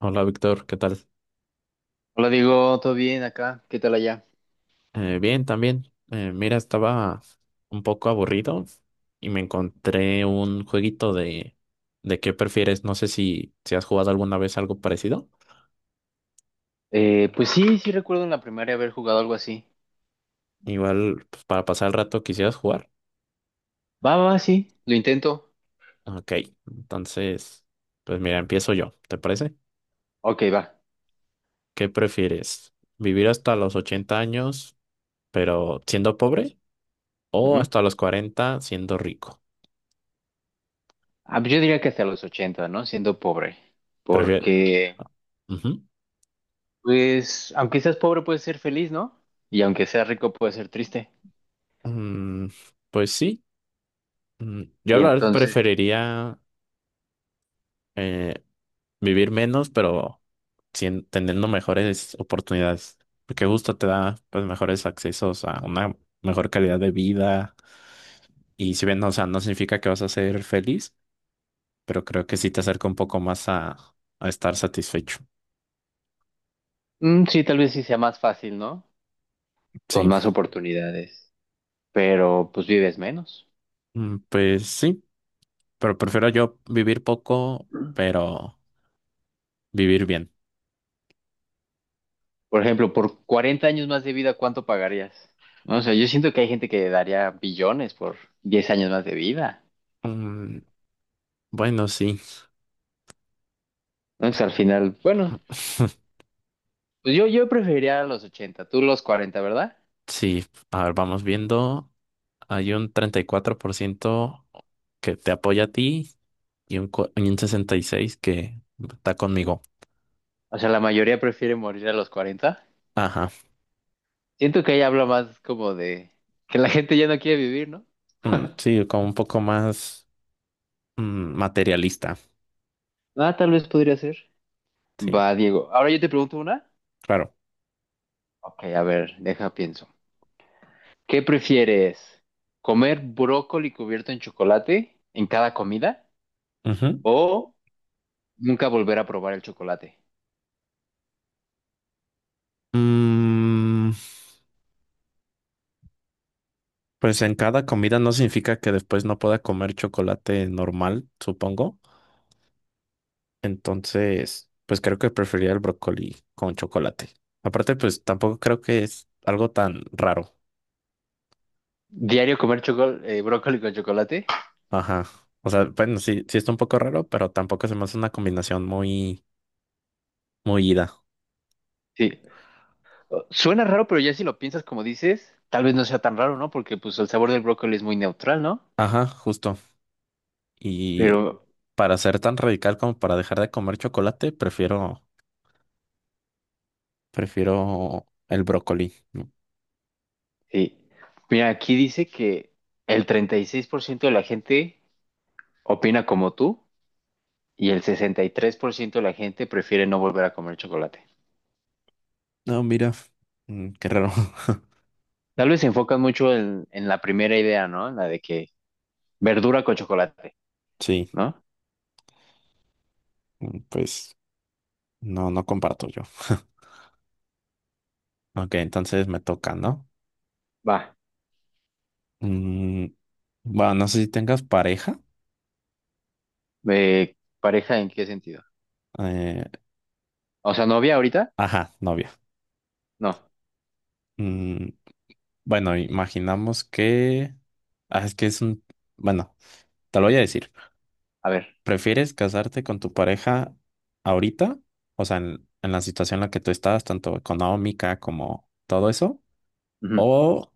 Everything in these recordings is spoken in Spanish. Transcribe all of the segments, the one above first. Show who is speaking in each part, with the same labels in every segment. Speaker 1: Hola Víctor, ¿qué tal?
Speaker 2: Hola, digo, ¿todo bien acá? ¿Qué tal allá?
Speaker 1: Bien, también. Mira, estaba un poco aburrido y me encontré un jueguito de qué prefieres. No sé si has jugado alguna vez algo parecido.
Speaker 2: Pues sí, sí recuerdo en la primaria haber jugado algo así.
Speaker 1: Igual, pues, para pasar el rato quisieras jugar.
Speaker 2: Va, va, va, sí, lo intento.
Speaker 1: Ok, entonces, pues mira, empiezo yo, ¿te parece?
Speaker 2: Ok, va.
Speaker 1: ¿Qué prefieres? ¿Vivir hasta los 80 años, pero siendo pobre? ¿O
Speaker 2: Ujú.
Speaker 1: hasta los 40 siendo rico?
Speaker 2: Ah, pues yo diría que hasta los 80, ¿no? Siendo pobre.
Speaker 1: Prefieres.
Speaker 2: Porque,
Speaker 1: Ujú.
Speaker 2: pues, aunque seas pobre puedes ser feliz, ¿no? Y aunque seas rico puedes ser triste.
Speaker 1: Mm, pues sí. Yo
Speaker 2: Y
Speaker 1: la verdad
Speaker 2: entonces,
Speaker 1: preferiría eh, vivir menos, pero sin teniendo mejores oportunidades, porque justo te da pues mejores accesos a una mejor calidad de vida y si bien, o sea, no significa que vas a ser feliz, pero creo que sí te acerca un poco más a estar satisfecho.
Speaker 2: sí, tal vez sí sea más fácil, ¿no? Con
Speaker 1: Sí.
Speaker 2: más oportunidades. Pero, pues vives menos.
Speaker 1: Pues sí, pero prefiero yo vivir poco, pero vivir bien.
Speaker 2: Por ejemplo, por 40 años más de vida, ¿cuánto pagarías? No, o sea, yo siento que hay gente que daría billones por 10 años más de vida.
Speaker 1: Mm, bueno, sí,
Speaker 2: Entonces, al final, bueno, pues yo preferiría a los 80, tú los 40, ¿verdad?
Speaker 1: sí, a ver, vamos viendo. Hay un 34% que te apoya a ti y un 66% que está conmigo.
Speaker 2: O sea, la mayoría prefiere morir a los 40.
Speaker 1: Ajá.
Speaker 2: Siento que ahí habla más como de que la gente ya no quiere vivir, ¿no?
Speaker 1: Mm, sí, como un poco más materialista.
Speaker 2: Ah, tal vez podría ser.
Speaker 1: Sí,
Speaker 2: Va, Diego. Ahora yo te pregunto una.
Speaker 1: claro.
Speaker 2: Ok, a ver, deja, pienso. ¿Qué prefieres? ¿Comer brócoli cubierto en chocolate en cada comida?
Speaker 1: Ujú.
Speaker 2: ¿O nunca volver a probar el chocolate?
Speaker 1: Mm, pues en cada comida no significa que después no pueda comer chocolate normal, supongo. Entonces, pues creo que preferiría el brócoli con chocolate. Aparte, pues tampoco creo que es algo tan raro.
Speaker 2: Diario comer brócoli con chocolate.
Speaker 1: Ajá. O sea, bueno, sí, sí está un poco raro, pero tampoco se me hace una combinación muy, muy ida.
Speaker 2: Sí. Suena raro, pero ya si lo piensas como dices, tal vez no sea tan raro, ¿no? Porque pues el sabor del brócoli es muy neutral, ¿no?
Speaker 1: Ajá, justo. Y
Speaker 2: Pero
Speaker 1: para ser tan radical como para dejar de comer chocolate, prefiero el brócoli. No,
Speaker 2: sí. Mira, aquí dice que el 36% de la gente opina como tú y el 63% de la gente prefiere no volver a comer chocolate.
Speaker 1: no, mira, qué raro.
Speaker 2: Tal vez se enfocan mucho en la primera idea, ¿no? En la de que verdura con chocolate,
Speaker 1: Sí,
Speaker 2: ¿no?
Speaker 1: pues no, no comparto yo. Ok, entonces me toca, ¿no?
Speaker 2: Va.
Speaker 1: Mm, bueno, no sé si tengas pareja.
Speaker 2: Eh, ¿Pareja en qué sentido?
Speaker 1: Eh,
Speaker 2: O sea, novia ahorita,
Speaker 1: ajá, novia.
Speaker 2: no,
Speaker 1: Mm, Bueno, imaginamos que. Ah, es que es un. Bueno, te lo voy a decir.
Speaker 2: a ver.
Speaker 1: ¿Prefieres casarte con tu pareja ahorita? O sea, en la situación en la que tú estás, tanto económica como todo eso.
Speaker 2: Ujú.
Speaker 1: ¿O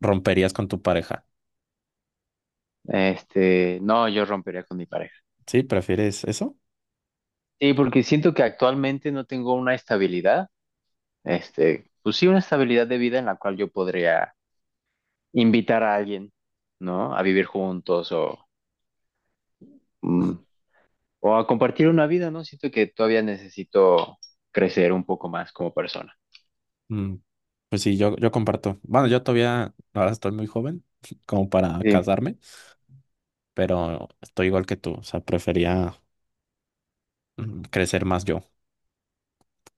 Speaker 1: romperías con tu pareja?
Speaker 2: Este, no, yo rompería con mi pareja.
Speaker 1: ¿Sí? ¿Prefieres eso?
Speaker 2: Sí, porque siento que actualmente no tengo una estabilidad, este, pues sí, una estabilidad de vida en la cual yo podría invitar a alguien, ¿no? A vivir juntos o, mm, o a compartir una vida, ¿no? Siento que todavía necesito crecer un poco más como persona.
Speaker 1: Mm, Pues sí, yo comparto. Bueno, yo todavía, ahora estoy muy joven como para
Speaker 2: Sí,
Speaker 1: casarme, pero estoy igual que tú. O sea, prefería crecer más yo.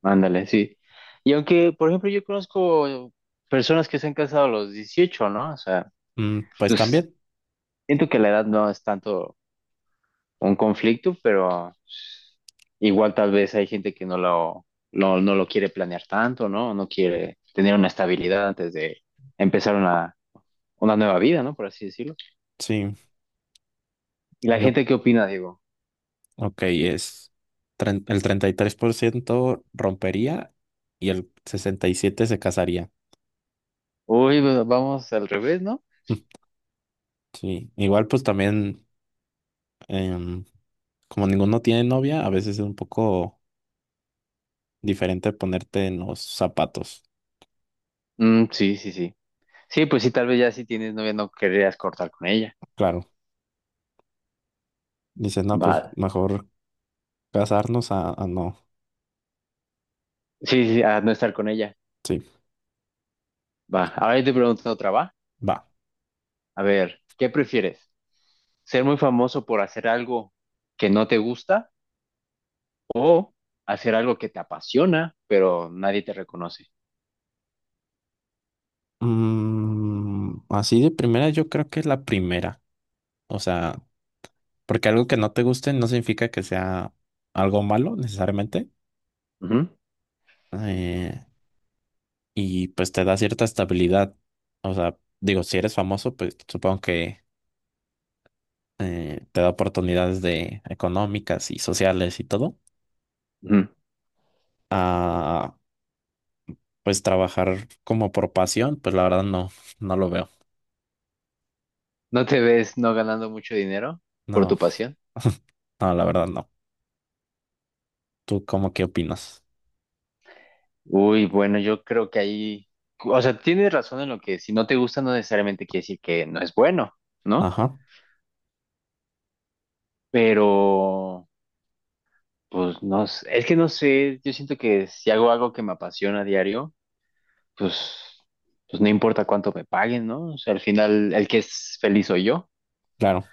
Speaker 2: ándale, sí. Y aunque, por ejemplo, yo conozco personas que se han casado a los 18, ¿no? O sea,
Speaker 1: Pues
Speaker 2: pues
Speaker 1: también,
Speaker 2: siento que la edad no es tanto un conflicto, pero igual tal vez hay gente que no lo quiere planear tanto, ¿no? No quiere tener una estabilidad antes de empezar una nueva vida, ¿no? Por así decirlo.
Speaker 1: sí.
Speaker 2: ¿Y la
Speaker 1: Yo
Speaker 2: gente qué opina, Digo?
Speaker 1: Ok, el 33% rompería y el 67% se casaría.
Speaker 2: Uy, pues, vamos al revés, ¿no?
Speaker 1: Sí, igual pues también, em, como ninguno tiene novia, a veces es un poco diferente ponerte en los zapatos.
Speaker 2: Mm, sí, sí, sí. Sí, pues sí, tal vez ya si tienes novia no querrías cortar con ella.
Speaker 1: Claro, dices, no, pues
Speaker 2: Va.
Speaker 1: mejor casarnos a no.
Speaker 2: Sí, sí, sí, a no estar con ella.
Speaker 1: Sí,
Speaker 2: Va. Ahora yo te pregunto otra, ¿va?
Speaker 1: va.
Speaker 2: A ver, ¿qué prefieres? ¿Ser muy famoso por hacer algo que no te gusta? O hacer algo que te apasiona, pero nadie te reconoce.
Speaker 1: Así de primera, yo creo que la primera. O sea, porque algo que no te guste no significa que sea algo malo necesariamente.
Speaker 2: Ujú,
Speaker 1: Eh, y pues te da cierta estabilidad. O sea, digo, si eres famoso, pues supongo que te da oportunidades de económicas y sociales y todo.
Speaker 2: ujú.
Speaker 1: A pues trabajar como por pasión, pues la verdad no, no lo veo.
Speaker 2: ¿No te ves no ganando mucho dinero por
Speaker 1: No,
Speaker 2: tu pasión?
Speaker 1: no, la verdad no. ¿Tú cómo qué opinas?
Speaker 2: Uy, bueno, yo creo que ahí, o sea, tienes razón en lo que si no te gusta no necesariamente quiere decir que no es bueno, ¿no?
Speaker 1: Ajá,
Speaker 2: Pero, pues no sé, es que no sé, yo siento que si hago algo que me apasiona a diario, pues, pues no importa cuánto me paguen, ¿no? O sea, al final el que es feliz soy yo.
Speaker 1: claro.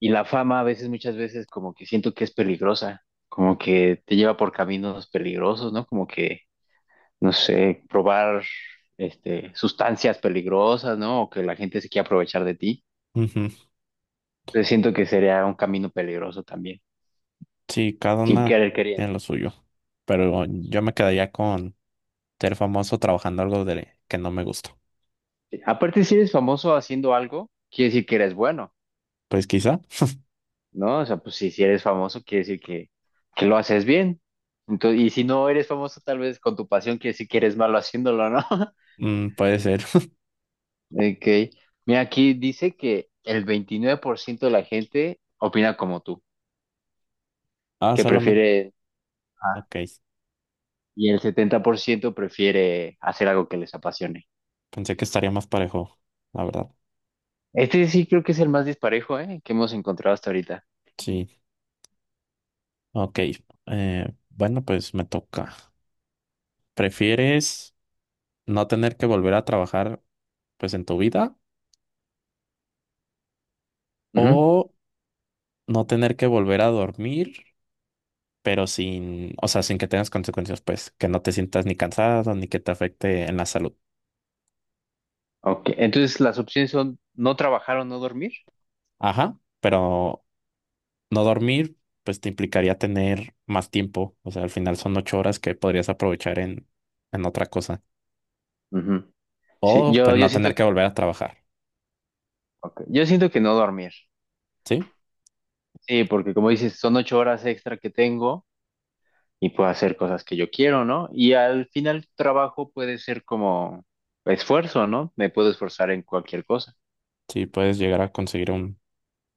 Speaker 2: Y la fama a veces, muchas veces, como que siento que es peligrosa, como que te lleva por caminos peligrosos, ¿no? Como que, no sé, probar este, sustancias peligrosas, ¿no? O que la gente se quiera aprovechar de ti.
Speaker 1: Ujú.
Speaker 2: Entonces siento que sería un camino peligroso también,
Speaker 1: Sí, cada
Speaker 2: sin
Speaker 1: una
Speaker 2: querer
Speaker 1: tiene
Speaker 2: queriendo.
Speaker 1: lo suyo, pero yo me quedaría con ser famoso trabajando algo de que no me gusta.
Speaker 2: Aparte, si eres famoso haciendo algo, quiere decir que eres bueno,
Speaker 1: Pues quizá,
Speaker 2: ¿no? O sea, pues si eres famoso, quiere decir que lo haces bien. Entonces, y si no eres famoso, tal vez con tu pasión, quiere decir que eres malo haciéndolo, ¿no?
Speaker 1: puede ser.
Speaker 2: Ok. Mira, aquí dice que el 29% de la gente opina como tú,
Speaker 1: Ah,
Speaker 2: que
Speaker 1: solamente.
Speaker 2: prefiere, ah,
Speaker 1: Ok,
Speaker 2: y el 70% prefiere hacer algo que les apasione.
Speaker 1: pensé que estaría más parejo, la verdad.
Speaker 2: Este sí creo que es el más disparejo, ¿eh? Que hemos encontrado hasta ahorita.
Speaker 1: Sí, ok. Bueno, pues me toca. ¿Prefieres no tener que volver a trabajar, pues en tu vida?
Speaker 2: Ujú.
Speaker 1: ¿O no tener que volver a dormir, pero sin, o sea, sin que tengas consecuencias, pues, que no te sientas ni cansado ni que te afecte en la salud?
Speaker 2: Ok, entonces las opciones son no trabajar o no dormir.
Speaker 1: Ajá, pero no dormir, pues te implicaría tener más tiempo. O sea, al final son 8 horas que podrías aprovechar en otra cosa.
Speaker 2: Ujú. Sí,
Speaker 1: O
Speaker 2: yo,
Speaker 1: pues
Speaker 2: yo
Speaker 1: no
Speaker 2: siento,
Speaker 1: tener que volver a trabajar.
Speaker 2: ok, yo siento que no dormir.
Speaker 1: ¿Sí?
Speaker 2: Sí, porque como dices, son 8 horas extra que tengo. Y puedo hacer cosas que yo quiero, ¿no? Y al final trabajo puede ser como esfuerzo, ¿no? Me puedo esforzar en cualquier cosa.
Speaker 1: Sí, puedes llegar a conseguir un.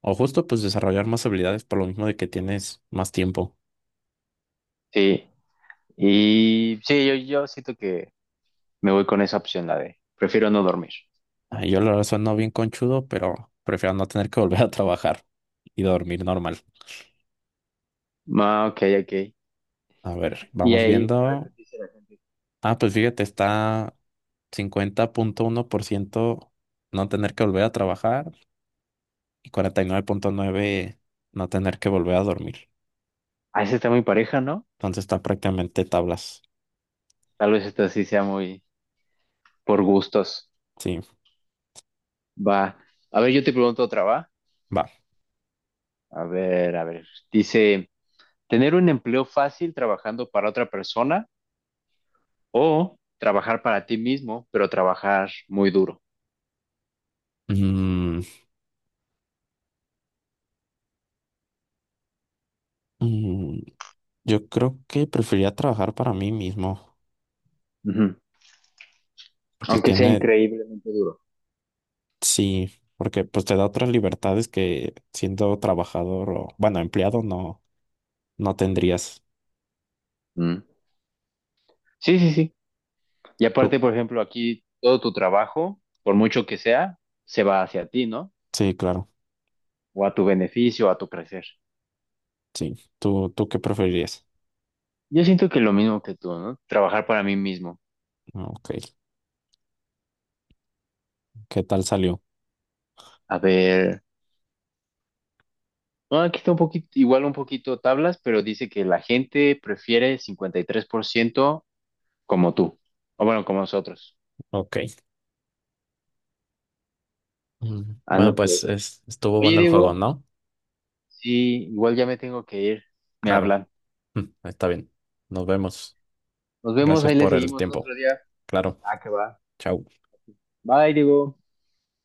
Speaker 1: O justo pues desarrollar más habilidades por lo mismo de que tienes más tiempo.
Speaker 2: Sí, y sí, yo siento que me voy con esa opción, la de prefiero no dormir.
Speaker 1: Ah, yo la verdad sueno bien conchudo, pero prefiero no tener que volver a trabajar y dormir normal.
Speaker 2: Ah, ok, ok.
Speaker 1: A ver,
Speaker 2: Y
Speaker 1: vamos viendo.
Speaker 2: ahí, a ver qué dice la gente.
Speaker 1: Ah, pues fíjate, está 50.1% no tener que volver a trabajar y 49.9% no tener que volver a dormir.
Speaker 2: Ah, esa está muy pareja, ¿no?
Speaker 1: Entonces está prácticamente tablas.
Speaker 2: Tal vez esta sí sea muy por gustos.
Speaker 1: Sí,
Speaker 2: Va. A ver, yo te pregunto otra, ¿va?
Speaker 1: va.
Speaker 2: A ver, a ver. Dice, ¿tener un empleo fácil trabajando para otra persona? O trabajar para ti mismo, pero trabajar muy duro.
Speaker 1: Mm, mm, yo creo que preferiría trabajar para mí mismo.
Speaker 2: Ujú.
Speaker 1: Porque
Speaker 2: Aunque sea
Speaker 1: tiene,
Speaker 2: increíblemente duro.
Speaker 1: sí, porque pues te da otras libertades que siendo trabajador o, bueno, empleado no, no tendrías.
Speaker 2: Mm. Sí, sí, sí. Y
Speaker 1: Tú,
Speaker 2: aparte, por ejemplo, aquí todo tu trabajo, por mucho que sea, se va hacia ti, ¿no?
Speaker 1: sí, claro,
Speaker 2: O a tu beneficio, a tu crecer.
Speaker 1: sí. ¿Tú qué preferirías?
Speaker 2: Yo siento que lo mismo que tú, ¿no? Trabajar para mí mismo.
Speaker 1: Ah, Ok, ¿qué tal salió?
Speaker 2: A ver, no, aquí está un poquito, igual un poquito tablas, pero dice que la gente prefiere 53% como tú. O bueno, como nosotros.
Speaker 1: Ok. Bueno,
Speaker 2: Anda
Speaker 1: pues
Speaker 2: pues.
Speaker 1: estuvo
Speaker 2: Oye,
Speaker 1: bueno el juego,
Speaker 2: Diego.
Speaker 1: ¿no?
Speaker 2: Sí, igual ya me tengo que ir. Me
Speaker 1: Claro.
Speaker 2: hablan.
Speaker 1: Está bien. Nos vemos.
Speaker 2: Nos vemos,
Speaker 1: Gracias
Speaker 2: ahí le
Speaker 1: por el
Speaker 2: seguimos otro
Speaker 1: tiempo.
Speaker 2: día.
Speaker 1: Claro.
Speaker 2: Ah, que va.
Speaker 1: Chao.
Speaker 2: Bye, Diego.